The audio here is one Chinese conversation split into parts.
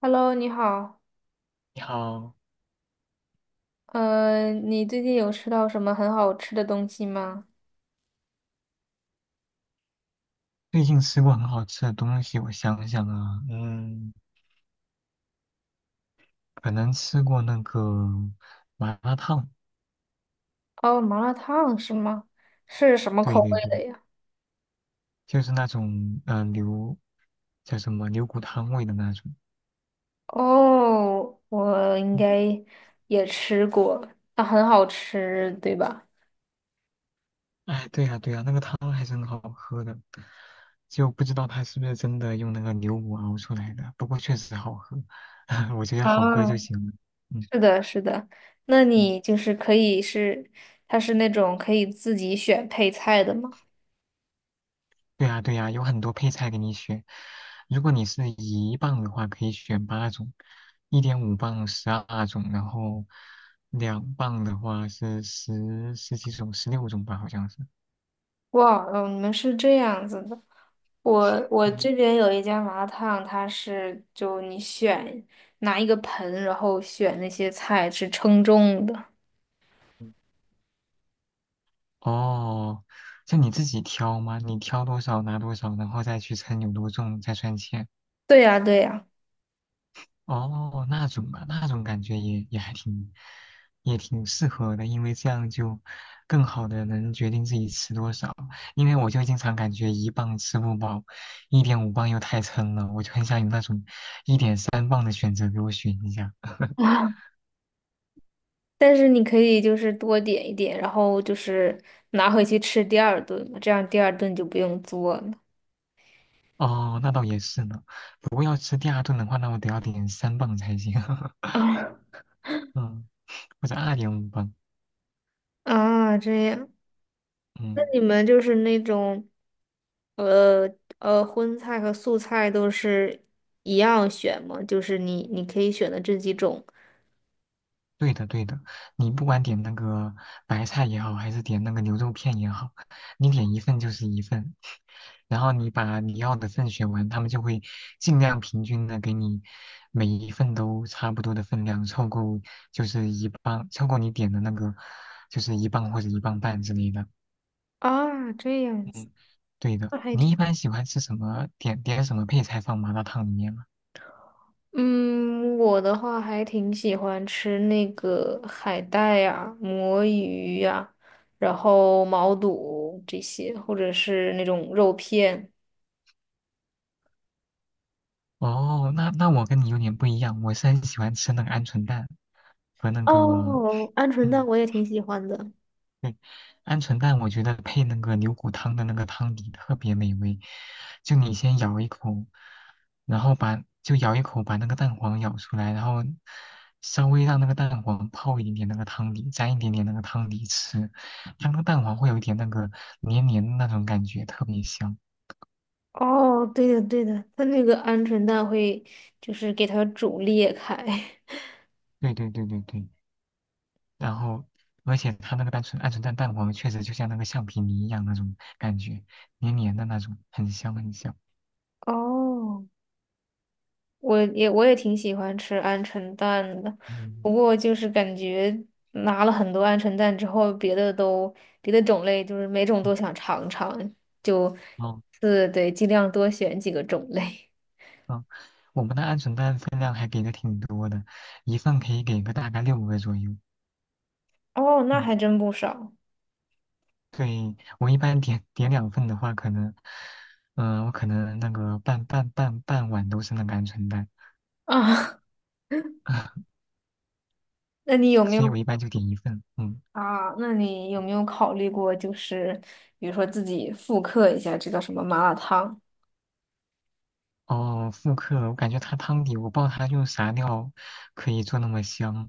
Hello，你好，你好，你最近有吃到什么很好吃的东西吗？最近吃过很好吃的东西，我想想啊，可能吃过那个麻辣烫。哦，麻辣烫是吗？是什么对口对味对，的呀？就是那种嗯、呃牛叫什么牛骨汤味的那种。哦，我应嗯该也吃过，啊，很好吃，对吧？哎，对呀、对呀、那个汤还是很好喝的，就不知道它是不是真的用那个牛骨熬出来的，不过确实好喝。我觉得好喝啊，就行了。嗯是的，是的。那嗯。你就是可以是，它是那种可以自己选配菜的吗？对呀，对呀，有很多配菜给你选。如果你是一磅的话，可以选八种；一点五磅12种，然后2磅的话是十几种，16种吧，好像是。哇，哦，你们是这样子的。我嗯，这边有一家麻辣烫，它是就你选拿一个盆，然后选那些菜是称重的。哦，就你自己挑吗？你挑多少拿多少，然后再去称有多重，再算钱。对呀，对呀。哦，那种吧，那种感觉也还挺，也挺适合的，因为这样就更好的能决定自己吃多少。因为我就经常感觉一磅吃不饱，一点五磅又太撑了，我就很想有那种1.3磅的选择给我选一下。啊！但是你可以就是多点一点，然后就是拿回去吃第二顿嘛，这样第二顿就不用做了。哦，那倒也是呢。不过要吃第二顿的话，那我得要点三磅才行。啊，嗯，或者2.5磅。啊这样。那嗯。你们就是那种，呃荤菜和素菜都是一样选吗？就是你可以选的这几种对的，对的，你不管点那个白菜也好，还是点那个牛肉片也好，你点一份就是一份，然后你把你要的份选完，他们就会尽量平均的给你每一份都差不多的分量，凑够就是一磅，凑够你点的那个就是一磅或者1磅半之类的。啊，这样子，嗯，对的，那还你挺，一般喜欢吃什么？点点什么配菜放麻辣烫里面吗？嗯，我的话还挺喜欢吃那个海带呀、魔芋呀、然后毛肚这些，或者是那种肉片。哦，那我跟你有点不一样，我是很喜欢吃那个鹌鹑蛋和那个哦，鹌鹑蛋嗯，我也挺喜欢的。对，鹌鹑蛋我觉得配那个牛骨汤的那个汤底特别美味。就你先咬一口，然后把就咬一口把那个蛋黄咬出来，然后稍微让那个蛋黄泡一点点那个汤底，沾一点点那个汤底吃，它那个蛋黄会有一点那个黏黏的那种感觉，特别香。哦，对的对的，它那个鹌鹑蛋会就是给它煮裂开。对对对对对，然后而且它那个单纯鹌鹑蛋蛋黄确实就像那个橡皮泥一样那种感觉，黏黏的那种，很香很香。哦，我也挺喜欢吃鹌鹑蛋的，嗯。不过就是感觉拿了很多鹌鹑蛋之后，别的种类就是每种哦，都想尝尝，就哦是对，尽量多选几个种类。嗯，我们的鹌鹑蛋分量还给的挺多的，一份可以给个大概6个左右。哦，那嗯，还真不少对，我一般点点两份的话，可能，我可能那个半碗都是那个鹌鹑蛋。啊。那你有没所以有我一般就点一份。嗯，啊？那你有没有考虑过，就是比如说自己复刻一下这叫什么麻辣烫？哦，复刻，我感觉它汤底，我不知道它用啥料可以做那么香，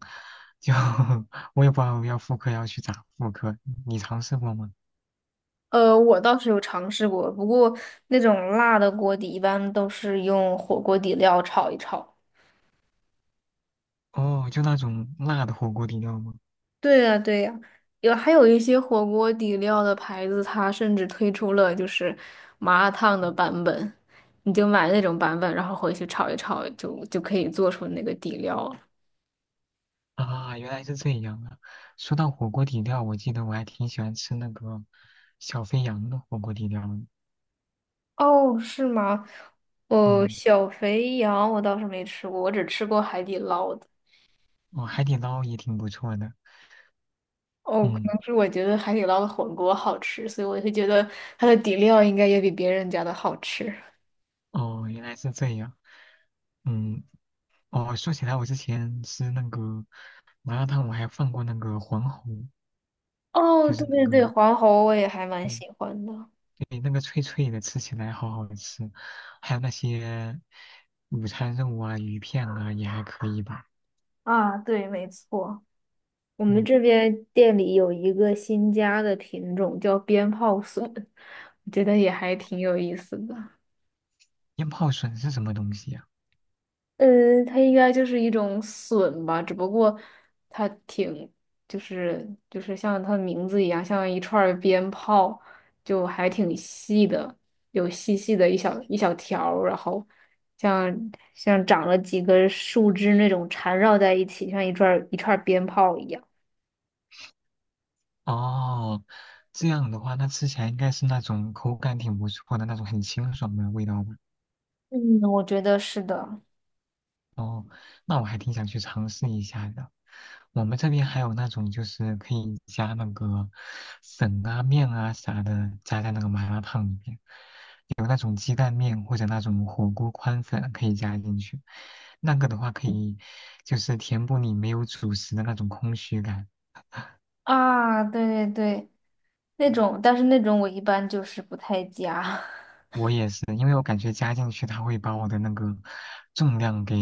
就 我也不知道要复刻要去咋复刻，你尝试过吗？我倒是有尝试过，不过那种辣的锅底一般都是用火锅底料炒一炒。哦，就那种辣的火锅底料吗？对呀，对呀，还有一些火锅底料的牌子，它甚至推出了就是麻辣烫的版本，你就买那种版本，然后回去炒一炒，就可以做出那个底料了。啊，原来是这样啊！说到火锅底料，我记得我还挺喜欢吃那个小肥羊的火锅底料的。哦，是吗？哦，嗯，小肥羊我倒是没吃过，我只吃过海底捞的。哦，海底捞也挺不错的。哦，可嗯，能是我觉得海底捞的火锅好吃，所以我会觉得它的底料应该也比别人家的好吃。哦，原来是这样。嗯，哦，说起来，我之前吃那个麻辣烫，我还放过那个黄喉，哦，就对是那对个，对，黄喉我也还蛮对喜欢的。对，那个脆脆的，吃起来好好吃。还有那些午餐肉啊、鱼片啊，也还可以吧。啊，对，没错，我们嗯，这边店里有一个新加的品种叫鞭炮笋，我觉得也还挺有意思的。腌泡笋是什么东西呀？呃，它应该就是一种笋吧，只不过它挺，就是像它的名字一样，像一串儿鞭炮，就还挺细的，有细细的一小一小条儿然后像像长了几根树枝那种缠绕在一起，像一串儿一串儿鞭炮一样。哦，这样的话，那吃起来应该是那种口感挺不错的那种很清爽的味道吧？嗯，我觉得是的。哦，那我还挺想去尝试一下的。我们这边还有那种就是可以加那个粉啊、面啊啥的，加在那个麻辣烫里面，有那种鸡蛋面或者那种火锅宽粉可以加进去。那个的话可以就是填补你没有主食的那种空虚感。啊，对对对，那种，但是那种我一般就是不太加，我也是，因为我感觉加进去它会把我的那个重量给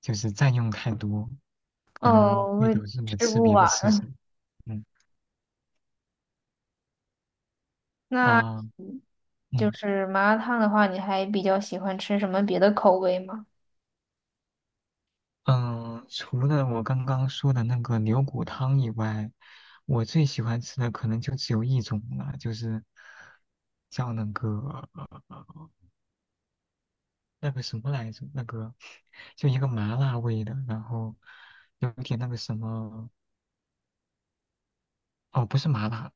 就是占用太多，可能哦，我会也导致我吃吃不别的吃什完。么。嗯那。啊就嗯是麻辣烫的话，你还比较喜欢吃什么别的口味吗？除了我刚刚说的那个牛骨汤以外，我最喜欢吃的可能就只有一种了，就是叫呃那个什么来着，那个就一个麻辣味的，然后有点那个什么。哦，不是麻辣。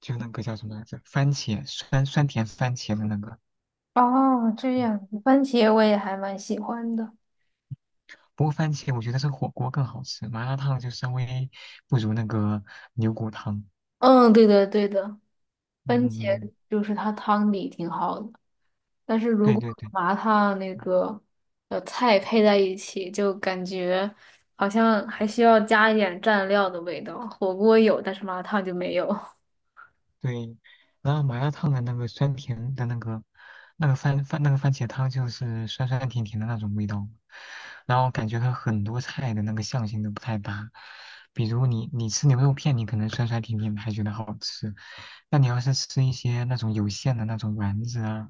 就那个叫什么来着？番茄酸酸甜番茄的那个。哦，这嗯样，番茄我也还蛮喜欢的。不过番茄我觉得是火锅更好吃，麻辣烫就稍微不如那个牛骨汤。嗯，对的，对的，嗯，番嗯嗯，茄就是它汤底挺好的，但是如对果对对。麻辣烫那个菜配在一起，就感觉好像还需要加一点蘸料的味道。火锅有，但是麻辣烫就没有。对，然后麻辣烫的那个酸甜的那个那个番番那个番茄汤就是酸酸甜甜的那种味道，然后感觉它很多菜的那个相性都不太搭。比如你吃牛肉片，你可能酸酸甜甜的还觉得好吃，那你要是吃一些那种有馅的那种丸子啊、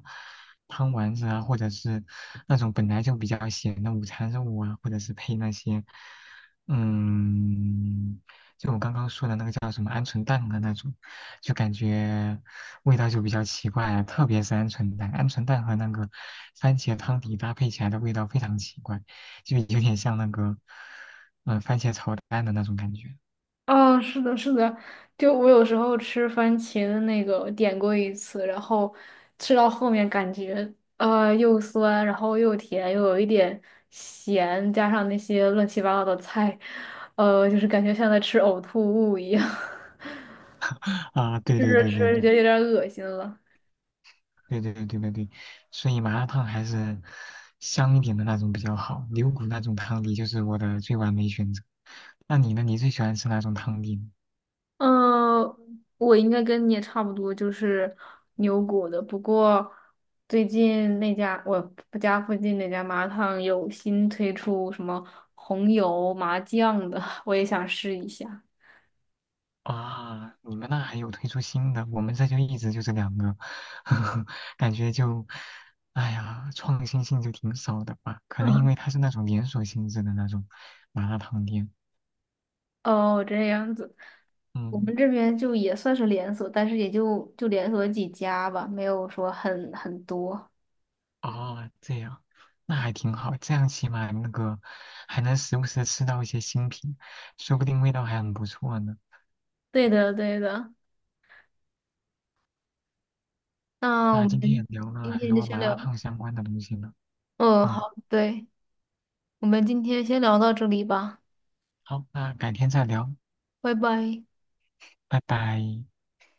汤丸子啊，或者是那种本来就比较咸的午餐肉啊，或者是配那些嗯。就我刚刚说的那个叫什么鹌鹑蛋的那种，就感觉味道就比较奇怪啊，特别是鹌鹑蛋，鹌鹑蛋和那个番茄汤底搭配起来的味道非常奇怪，就有点像那个，番茄炒蛋的那种感觉。哦，是的，是的，就我有时候吃番茄的那个点过一次，然后吃到后面感觉又酸，然后又甜，又有一点咸，加上那些乱七八糟的菜，就是感觉像在吃呕吐物一样，啊，对吃对着对吃对着觉对得有点恶心了。对对对对对对，所以麻辣烫还是香一点的那种比较好，牛骨那种汤底就是我的最完美选择。那你呢？你最喜欢吃哪种汤底呢？嗯，我应该跟你也差不多，就是牛骨的。不过最近那家我家附近那家麻辣烫有新推出什么红油麻酱的，我也想试一下。啊，你们那还有推出新的，我们这就一直就这两个。感觉就，哎呀，创新性就挺少的吧？可能因嗯，为它是那种连锁性质的那种麻辣烫店。哦，这样子，我们嗯，这边就也算是连锁，但是也就连锁几家吧，没有说很多。哦，这样，那还挺好，这样起码那个还能时不时地吃到一些新品，说不定味道还很不错呢。对的，对的。那我那今天也们聊了今很天就多先麻辣聊，烫相关的东西呢。嗯，嗯，好，对，我们今天先聊到这里吧，好，那改天再聊，拜拜。拜拜。